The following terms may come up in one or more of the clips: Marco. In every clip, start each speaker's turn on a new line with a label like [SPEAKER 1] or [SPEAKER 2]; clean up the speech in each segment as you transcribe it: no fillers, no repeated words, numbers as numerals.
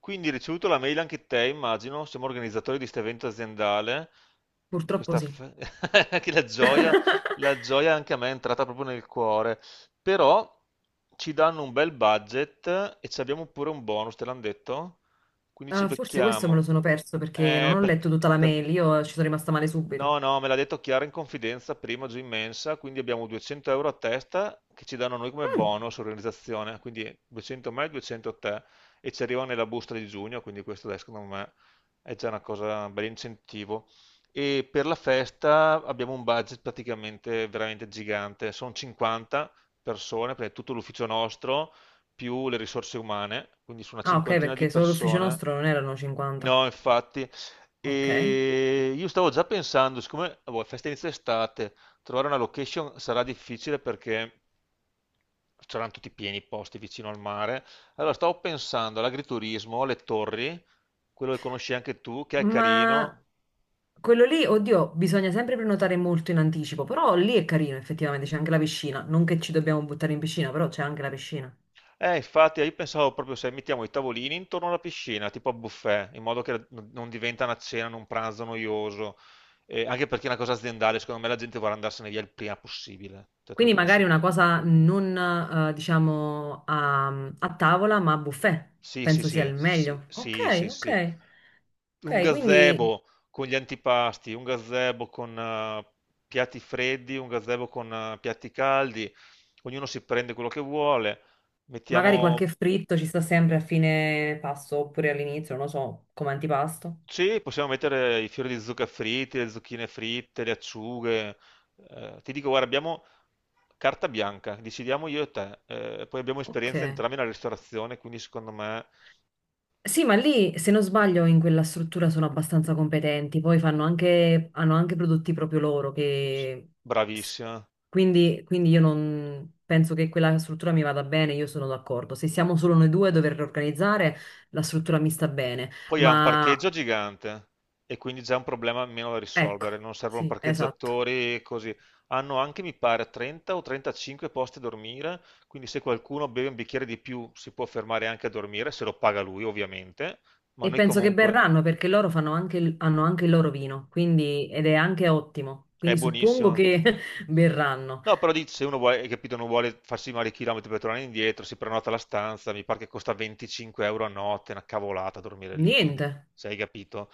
[SPEAKER 1] Quindi hai ricevuto la mail anche te, immagino, siamo organizzatori di questo evento aziendale, di
[SPEAKER 2] Purtroppo
[SPEAKER 1] questa
[SPEAKER 2] sì.
[SPEAKER 1] che la gioia anche a me è entrata proprio nel cuore, però ci danno un bel budget e ci abbiamo pure un bonus, te l'hanno detto? Quindi ci
[SPEAKER 2] Ah, forse questo me
[SPEAKER 1] becchiamo.
[SPEAKER 2] lo sono perso perché non
[SPEAKER 1] Eh,
[SPEAKER 2] ho letto
[SPEAKER 1] perché,
[SPEAKER 2] tutta la
[SPEAKER 1] per-
[SPEAKER 2] mail, io ci sono rimasta male
[SPEAKER 1] No,
[SPEAKER 2] subito.
[SPEAKER 1] no, me l'ha detto Chiara in confidenza prima giù in mensa, quindi abbiamo 200 euro a testa che ci danno a noi come
[SPEAKER 2] Mm.
[SPEAKER 1] bonus organizzazione, quindi 200 a me, 200 a te e ci arriva nella busta di giugno, quindi questo adesso secondo me è già una cosa, un bel incentivo. E per la festa abbiamo un budget praticamente veramente gigante, sono 50 persone, perché è tutto l'ufficio nostro, più le risorse umane, quindi su una
[SPEAKER 2] Ah, ok,
[SPEAKER 1] cinquantina di
[SPEAKER 2] perché solo l'ufficio
[SPEAKER 1] persone.
[SPEAKER 2] nostro non erano 50.
[SPEAKER 1] No, infatti,
[SPEAKER 2] Ok.
[SPEAKER 1] e io stavo già pensando, siccome boh, festa inizia estate, trovare una location sarà difficile perché saranno tutti pieni i posti vicino al mare. Allora stavo pensando all'agriturismo, alle torri, quello che conosci anche tu, che è
[SPEAKER 2] Ma
[SPEAKER 1] carino.
[SPEAKER 2] quello lì, oddio, bisogna sempre prenotare molto in anticipo, però lì è carino, effettivamente, c'è anche la piscina. Non che ci dobbiamo buttare in piscina, però c'è anche la piscina.
[SPEAKER 1] Infatti, io pensavo proprio se mettiamo i tavolini intorno alla piscina, tipo a buffet, in modo che non diventa una cena, un pranzo noioso. Anche perché è una cosa aziendale, secondo me la gente vorrà andarsene via il prima possibile. Cioè, te lo
[SPEAKER 2] Quindi
[SPEAKER 1] dico
[SPEAKER 2] magari
[SPEAKER 1] sì.
[SPEAKER 2] una cosa non, diciamo, a tavola, ma a buffet.
[SPEAKER 1] Sì, sì,
[SPEAKER 2] Penso sia
[SPEAKER 1] sì,
[SPEAKER 2] il
[SPEAKER 1] sì,
[SPEAKER 2] meglio. Ok,
[SPEAKER 1] sì, sì, sì.
[SPEAKER 2] ok.
[SPEAKER 1] Un
[SPEAKER 2] Ok, quindi...
[SPEAKER 1] gazebo con gli antipasti, un gazebo con piatti freddi, un gazebo con piatti caldi, ognuno si prende quello che vuole.
[SPEAKER 2] Magari
[SPEAKER 1] Mettiamo,
[SPEAKER 2] qualche fritto ci sta sempre a fine pasto oppure all'inizio, non lo so, come antipasto.
[SPEAKER 1] sì, possiamo mettere i fiori di zucca fritti, le zucchine fritte, le acciughe. Ti dico, guarda, abbiamo carta bianca, decidiamo io e te. Poi abbiamo esperienza
[SPEAKER 2] Ok.
[SPEAKER 1] entrambi nella ristorazione, quindi secondo me
[SPEAKER 2] Sì, ma lì, se non sbaglio, in quella struttura sono abbastanza competenti. Poi fanno anche, hanno anche prodotti proprio loro che...
[SPEAKER 1] bravissima.
[SPEAKER 2] Quindi io non penso che quella struttura mi vada bene, io sono d'accordo. Se siamo solo noi due a dover organizzare, la struttura mi sta bene.
[SPEAKER 1] Poi ha un
[SPEAKER 2] Ma
[SPEAKER 1] parcheggio gigante e quindi già un problema meno da
[SPEAKER 2] ecco,
[SPEAKER 1] risolvere, non servono
[SPEAKER 2] sì, esatto.
[SPEAKER 1] parcheggiatori e così. Hanno anche, mi pare, 30 o 35 posti a dormire, quindi se qualcuno beve un bicchiere di più si può fermare anche a dormire, se lo paga lui ovviamente, ma
[SPEAKER 2] E
[SPEAKER 1] noi
[SPEAKER 2] penso che
[SPEAKER 1] comunque...
[SPEAKER 2] berranno perché loro fanno anche il- hanno anche il loro vino, quindi, ed è anche ottimo.
[SPEAKER 1] È
[SPEAKER 2] Quindi suppongo
[SPEAKER 1] buonissimo.
[SPEAKER 2] che berranno.
[SPEAKER 1] No, però dici, se uno vuole, hai capito, non vuole farsi male i chilometri per tornare indietro, si prenota la stanza, mi pare che costa 25 euro a notte, è una cavolata dormire lì, quindi
[SPEAKER 2] Niente,
[SPEAKER 1] se hai capito,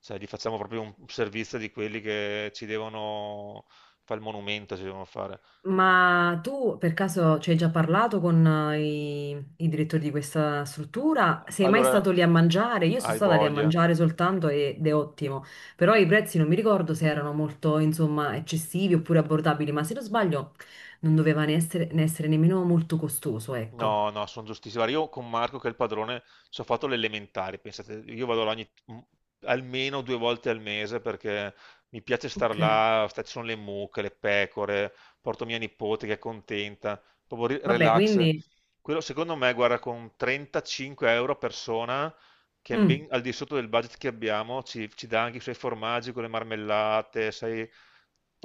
[SPEAKER 1] cioè, gli facciamo proprio un servizio di quelli che ci devono fare il monumento, ci devono fare.
[SPEAKER 2] ma tu per caso ci hai già parlato con i direttori di questa struttura? Sei mai
[SPEAKER 1] Allora,
[SPEAKER 2] stato lì a mangiare? Io sono
[SPEAKER 1] hai
[SPEAKER 2] stata lì a
[SPEAKER 1] voglia.
[SPEAKER 2] mangiare soltanto ed è ottimo, però i prezzi non mi ricordo se erano molto, insomma, eccessivi oppure abbordabili, ma se non sbaglio non doveva ne essere nemmeno molto costoso, ecco.
[SPEAKER 1] No, no, sono giustissimo. Guarda, io con Marco, che è il padrone, ci ho fatto l'elementare, pensate, io vado là almeno 2 volte al mese perché mi piace star
[SPEAKER 2] Ok,
[SPEAKER 1] là, ci sono le mucche, le pecore, porto mia nipote che è contenta, proprio
[SPEAKER 2] vabbè,
[SPEAKER 1] relax.
[SPEAKER 2] quindi...
[SPEAKER 1] Quello, secondo me, guarda, con 35 euro a persona, che è
[SPEAKER 2] mm.
[SPEAKER 1] ben al di sotto del budget che abbiamo, ci dà anche i suoi formaggi con le marmellate, sai,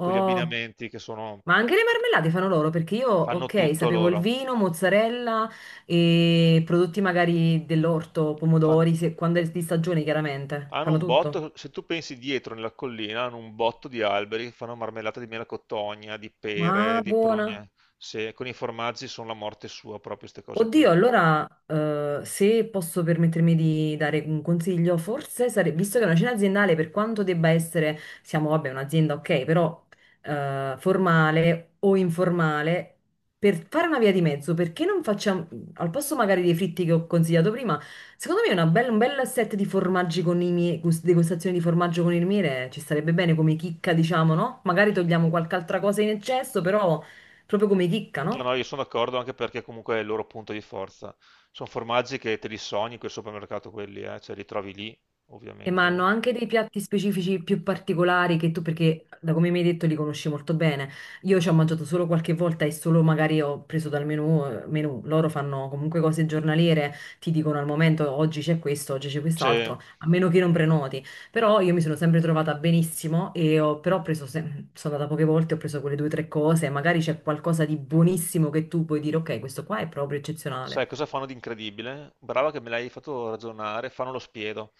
[SPEAKER 1] con gli abbinamenti che sono,
[SPEAKER 2] ma anche le marmellate fanno loro perché io,
[SPEAKER 1] fanno
[SPEAKER 2] ok,
[SPEAKER 1] tutto
[SPEAKER 2] sapevo il
[SPEAKER 1] loro.
[SPEAKER 2] vino, mozzarella e prodotti magari dell'orto,
[SPEAKER 1] Fan-
[SPEAKER 2] pomodori, se- quando è di stagione chiaramente,
[SPEAKER 1] Hanno
[SPEAKER 2] fanno
[SPEAKER 1] un
[SPEAKER 2] tutto.
[SPEAKER 1] botto, se tu pensi dietro nella collina, hanno un botto di alberi che fanno marmellata di melacotogna, di pere,
[SPEAKER 2] Ma
[SPEAKER 1] di
[SPEAKER 2] buona.
[SPEAKER 1] prugne. Se con i formaggi sono la morte sua, proprio queste cose qui.
[SPEAKER 2] Oddio, allora, se posso permettermi di dare un consiglio, forse sarebbe, visto che è una cena aziendale, per quanto debba essere, siamo, vabbè, un'azienda, ok, però formale o informale, per fare una via di mezzo, perché non facciamo, al posto magari dei fritti che ho consigliato prima, secondo me una bella- un bel set di formaggi con i miei, gust- degustazioni di formaggio con il miele ci starebbe bene come chicca, diciamo, no? Magari togliamo qualche altra cosa in eccesso, però proprio come chicca,
[SPEAKER 1] No,
[SPEAKER 2] no?
[SPEAKER 1] no, io sono d'accordo anche perché comunque è il loro punto di forza. Sono formaggi che te li sogni quel supermercato, quelli, cioè li trovi lì,
[SPEAKER 2] E ma hanno
[SPEAKER 1] ovviamente.
[SPEAKER 2] anche dei piatti specifici più particolari che tu, perché da come mi hai detto li conosci molto bene. Io ci ho mangiato solo qualche volta e solo magari ho preso dal menù, menù. Loro fanno comunque cose giornaliere, ti dicono al momento oggi c'è questo, oggi c'è
[SPEAKER 1] Cioè,
[SPEAKER 2] quest'altro, a meno che non prenoti. Però io mi sono sempre trovata benissimo e ho, però ho preso, se- sono andata poche volte, ho preso quelle due o tre cose, magari c'è qualcosa di buonissimo che tu puoi dire, ok, questo qua è proprio eccezionale.
[SPEAKER 1] sai cosa fanno di incredibile? Brava che me l'hai fatto ragionare, fanno lo spiedo.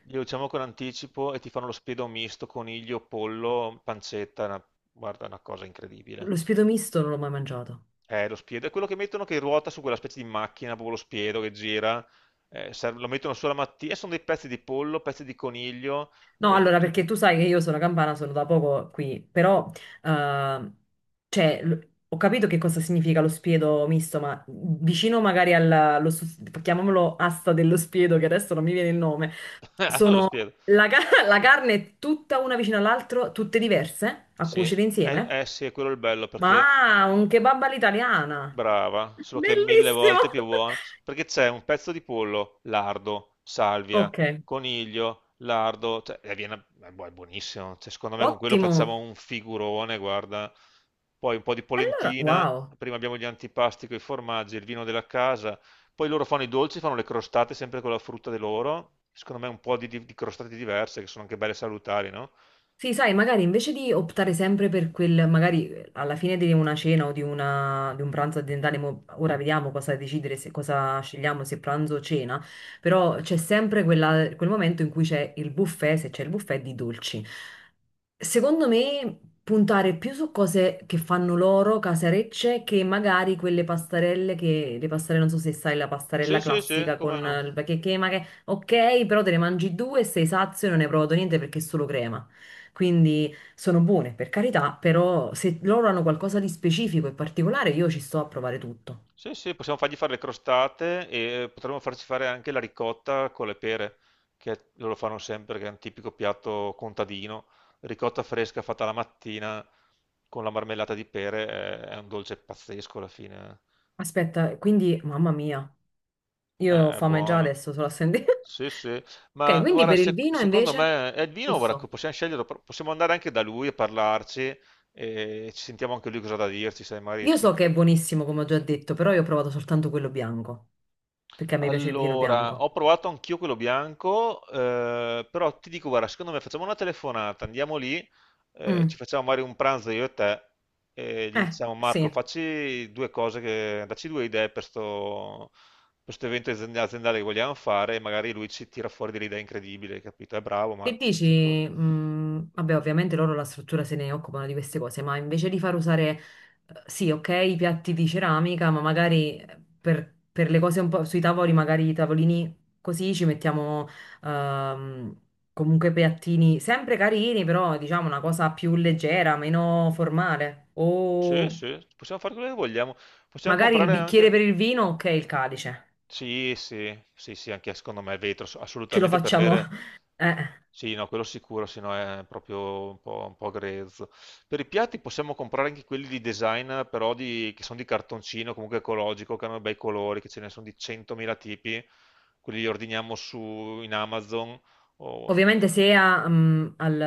[SPEAKER 1] Glielo diciamo con anticipo e ti fanno lo spiedo misto, coniglio, pollo, pancetta, guarda, è una cosa incredibile.
[SPEAKER 2] Lo spiedo misto non l'ho mai mangiato.
[SPEAKER 1] Lo spiedo è quello che mettono che ruota su quella specie di macchina, proprio lo spiedo che gira, lo mettono solo la mattina, e sono dei pezzi di pollo, pezzi di coniglio,
[SPEAKER 2] No,
[SPEAKER 1] e
[SPEAKER 2] allora,
[SPEAKER 1] tu...
[SPEAKER 2] perché tu sai che io sono campana, sono da poco qui, però, eh, cioè, l- ho capito che cosa significa lo spiedo misto, ma vicino magari al, lo sus- chiamiamolo asta dello spiedo, che adesso non mi viene il nome,
[SPEAKER 1] Ah, è stato lo
[SPEAKER 2] sono,
[SPEAKER 1] spiedo.
[SPEAKER 2] la, ca- la carne è tutta una vicino all'altra, tutte diverse, a
[SPEAKER 1] Sì,
[SPEAKER 2] cuocere insieme?
[SPEAKER 1] sì, quello è il bello, perché
[SPEAKER 2] Ma un kebab all'italiana!
[SPEAKER 1] brava, solo che è mille
[SPEAKER 2] Bellissimo!
[SPEAKER 1] volte più buona, perché c'è un pezzo di pollo, lardo, salvia,
[SPEAKER 2] Ok,
[SPEAKER 1] coniglio, lardo, cioè, è è buonissimo. Cioè, secondo me con quello
[SPEAKER 2] ottimo!
[SPEAKER 1] facciamo un figurone, guarda. Poi un po' di
[SPEAKER 2] Allora,
[SPEAKER 1] polentina,
[SPEAKER 2] wow!
[SPEAKER 1] prima abbiamo gli antipasti con i formaggi, il vino della casa, poi loro fanno i dolci, fanno le crostate sempre con la frutta di loro, secondo me un po' di crostate diverse che sono anche belle salutari, no?
[SPEAKER 2] Sì, sai, magari invece di optare sempre per quel, magari alla fine di una cena o di, una- di un pranzo aziendale, mo- ora vediamo cosa decidere, se, cosa scegliamo, se pranzo o cena, però c'è sempre quella- quel momento in cui c'è il buffet, se c'è il buffet di dolci. Secondo me puntare più su cose che fanno loro, casarecce, che magari quelle pastarelle che, le pastarelle, non so se sai, la
[SPEAKER 1] Sì,
[SPEAKER 2] pastarella
[SPEAKER 1] sì, sì,
[SPEAKER 2] classica con
[SPEAKER 1] come no?
[SPEAKER 2] il che, ma che, ok, però te ne mangi due e sei sazio e non hai provato niente perché è solo crema. Quindi sono buone, per carità, però se loro hanno qualcosa di specifico e particolare, io ci sto a provare tutto.
[SPEAKER 1] Sì, sì, possiamo fargli fare le crostate e potremmo farci fare anche la ricotta con le pere, loro fanno sempre, che è un tipico piatto contadino. Ricotta fresca fatta la mattina con la marmellata di pere è un dolce pazzesco alla fine.
[SPEAKER 2] Aspetta, quindi, mamma mia,
[SPEAKER 1] Eh.
[SPEAKER 2] io ho
[SPEAKER 1] È
[SPEAKER 2] fame già
[SPEAKER 1] buono.
[SPEAKER 2] adesso solo a sentire.
[SPEAKER 1] Sì, sì.
[SPEAKER 2] Ok,
[SPEAKER 1] Ma
[SPEAKER 2] quindi
[SPEAKER 1] guarda,
[SPEAKER 2] per il vino
[SPEAKER 1] secondo
[SPEAKER 2] invece,
[SPEAKER 1] me è il vino, guarda,
[SPEAKER 2] Rosso.
[SPEAKER 1] possiamo scegliere, possiamo andare anche da lui e parlarci e ci sentiamo anche lui cosa ha da dirci, sai, magari
[SPEAKER 2] Io so che è buonissimo, come ho già detto, però io ho provato soltanto quello bianco, perché a me piace il vino
[SPEAKER 1] allora,
[SPEAKER 2] bianco.
[SPEAKER 1] ho provato anch'io quello bianco, però ti dico, guarda, secondo me facciamo una telefonata, andiamo lì,
[SPEAKER 2] Mm,
[SPEAKER 1] ci facciamo magari un pranzo io e te, e gli
[SPEAKER 2] eh,
[SPEAKER 1] diciamo Marco,
[SPEAKER 2] sì.
[SPEAKER 1] facci due cose, che, dacci due idee per sto evento aziendale che vogliamo fare e magari lui ci tira fuori delle idee incredibili, capito? È bravo
[SPEAKER 2] Che
[SPEAKER 1] Marco, per queste cose.
[SPEAKER 2] dici? Vabbè, ovviamente loro la struttura se ne occupano di queste cose, ma invece di far usare, sì, ok, i piatti di ceramica, ma magari per le cose un po' sui tavoli, magari i tavolini così ci mettiamo ehm, comunque piattini sempre carini, però diciamo una cosa più leggera, meno formale.
[SPEAKER 1] Sì,
[SPEAKER 2] O
[SPEAKER 1] sì, possiamo fare quello che vogliamo, possiamo
[SPEAKER 2] magari il
[SPEAKER 1] comprare
[SPEAKER 2] bicchiere
[SPEAKER 1] anche...
[SPEAKER 2] per il vino, ok, il calice.
[SPEAKER 1] Sì, sì, sì, sì, anche secondo me è vetro,
[SPEAKER 2] Ce lo
[SPEAKER 1] assolutamente per
[SPEAKER 2] facciamo.
[SPEAKER 1] bere...
[SPEAKER 2] Eh.
[SPEAKER 1] Sì, no, quello sicuro, se no è proprio un po' grezzo. Per i piatti possiamo comprare anche quelli di design, che sono di cartoncino, comunque ecologico, che hanno bei colori, che ce ne sono di 100.000 tipi. Quelli li ordiniamo su, in Amazon, o-
[SPEAKER 2] Ovviamente se al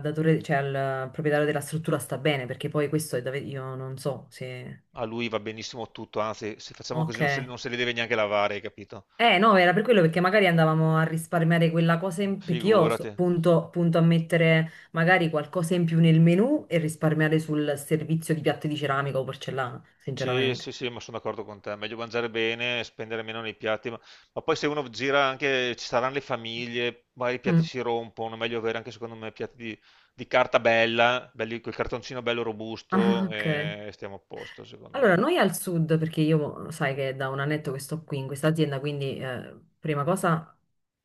[SPEAKER 2] datore, cioè al proprietario della struttura sta bene, perché poi questo è da ve- io non so se...
[SPEAKER 1] a lui va benissimo tutto, anzi, se facciamo così
[SPEAKER 2] Ok.
[SPEAKER 1] non se li deve neanche lavare, hai capito?
[SPEAKER 2] Eh no, era per quello perché magari andavamo a risparmiare quella cosa in... perché io so-
[SPEAKER 1] Figurati.
[SPEAKER 2] punto, punto a mettere magari qualcosa in più nel menù e risparmiare sul servizio di piatti di ceramica o porcellana,
[SPEAKER 1] Sì,
[SPEAKER 2] sinceramente.
[SPEAKER 1] sì, sì, ma sono d'accordo con te. Meglio mangiare bene, spendere meno nei piatti. Ma poi se uno gira anche, ci saranno le famiglie, magari i piatti
[SPEAKER 2] Mm.
[SPEAKER 1] si rompono. Meglio avere anche, secondo me, piatti di carta bella, belli, quel cartoncino bello
[SPEAKER 2] Ah,
[SPEAKER 1] robusto
[SPEAKER 2] ok.
[SPEAKER 1] e stiamo a posto, secondo me.
[SPEAKER 2] Allora, noi al sud, perché io sai che è da un annetto che sto qui in questa azienda, quindi prima cosa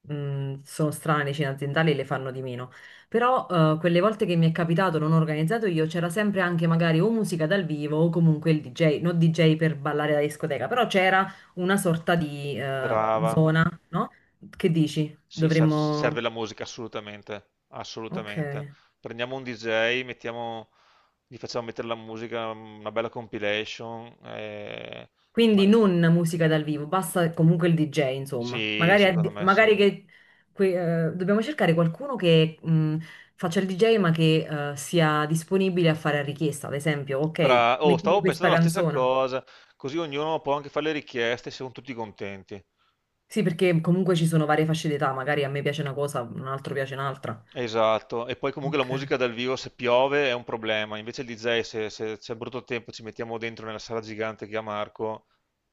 [SPEAKER 2] sono strane le cene aziendali e le fanno di meno. Però quelle volte che mi è capitato, non ho organizzato io, c'era sempre anche magari o musica dal vivo o comunque il DJ, non DJ per ballare da discoteca, però c'era una sorta di
[SPEAKER 1] Brava.
[SPEAKER 2] zona, no? Che dici?
[SPEAKER 1] Sì,
[SPEAKER 2] Dovremmo...
[SPEAKER 1] serve la musica, assolutamente.
[SPEAKER 2] Ok.
[SPEAKER 1] Assolutamente. Prendiamo un DJ, mettiamo, gli facciamo mettere la musica, una bella compilation.
[SPEAKER 2] Quindi
[SPEAKER 1] Ma-
[SPEAKER 2] non musica dal vivo, basta comunque il DJ, insomma.
[SPEAKER 1] Sì,
[SPEAKER 2] Magari,
[SPEAKER 1] secondo
[SPEAKER 2] addi-
[SPEAKER 1] me sì.
[SPEAKER 2] magari che que- dobbiamo cercare qualcuno che faccia il DJ ma che sia disponibile a fare a richiesta. Ad esempio, ok,
[SPEAKER 1] Oh,
[SPEAKER 2] mettimi
[SPEAKER 1] stavo
[SPEAKER 2] questa
[SPEAKER 1] pensando la stessa
[SPEAKER 2] canzone.
[SPEAKER 1] cosa, così ognuno può anche fare le richieste, e siamo tutti contenti.
[SPEAKER 2] Sì, perché comunque ci sono varie fasce d'età, magari a me piace una cosa, un altro piace un'altra.
[SPEAKER 1] Esatto, e poi comunque la
[SPEAKER 2] Ok.
[SPEAKER 1] musica dal vivo se piove è un problema, invece il DJ se c'è brutto tempo ci mettiamo dentro nella sala gigante che ha Marco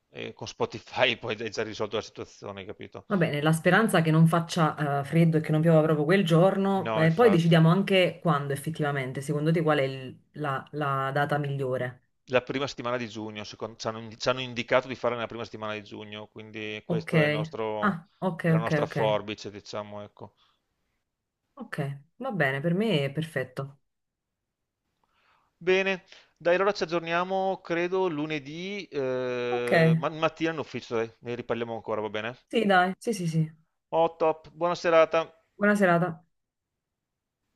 [SPEAKER 1] e con Spotify poi è già risolto la situazione, capito?
[SPEAKER 2] Va bene, la speranza che non faccia freddo e che non piova proprio quel giorno,
[SPEAKER 1] No,
[SPEAKER 2] poi
[SPEAKER 1] infatti.
[SPEAKER 2] decidiamo anche quando effettivamente, secondo te qual è il- la la data migliore?
[SPEAKER 1] La prima settimana di giugno, ci hanno indicato di fare nella prima settimana di giugno, quindi
[SPEAKER 2] Ok.
[SPEAKER 1] questo è il nostro,
[SPEAKER 2] Ah, ok,
[SPEAKER 1] è la
[SPEAKER 2] ok,
[SPEAKER 1] nostra
[SPEAKER 2] ok.
[SPEAKER 1] forbice, diciamo, ecco.
[SPEAKER 2] Ok, va bene, per me è perfetto.
[SPEAKER 1] Bene, dai, allora ci aggiorniamo, credo, lunedì,
[SPEAKER 2] Ok,
[SPEAKER 1] mattina in ufficio, dai, ne riparliamo ancora, va bene?
[SPEAKER 2] sì, dai, sì, sì, sì.
[SPEAKER 1] Oh, top, buona serata.
[SPEAKER 2] Buona serata.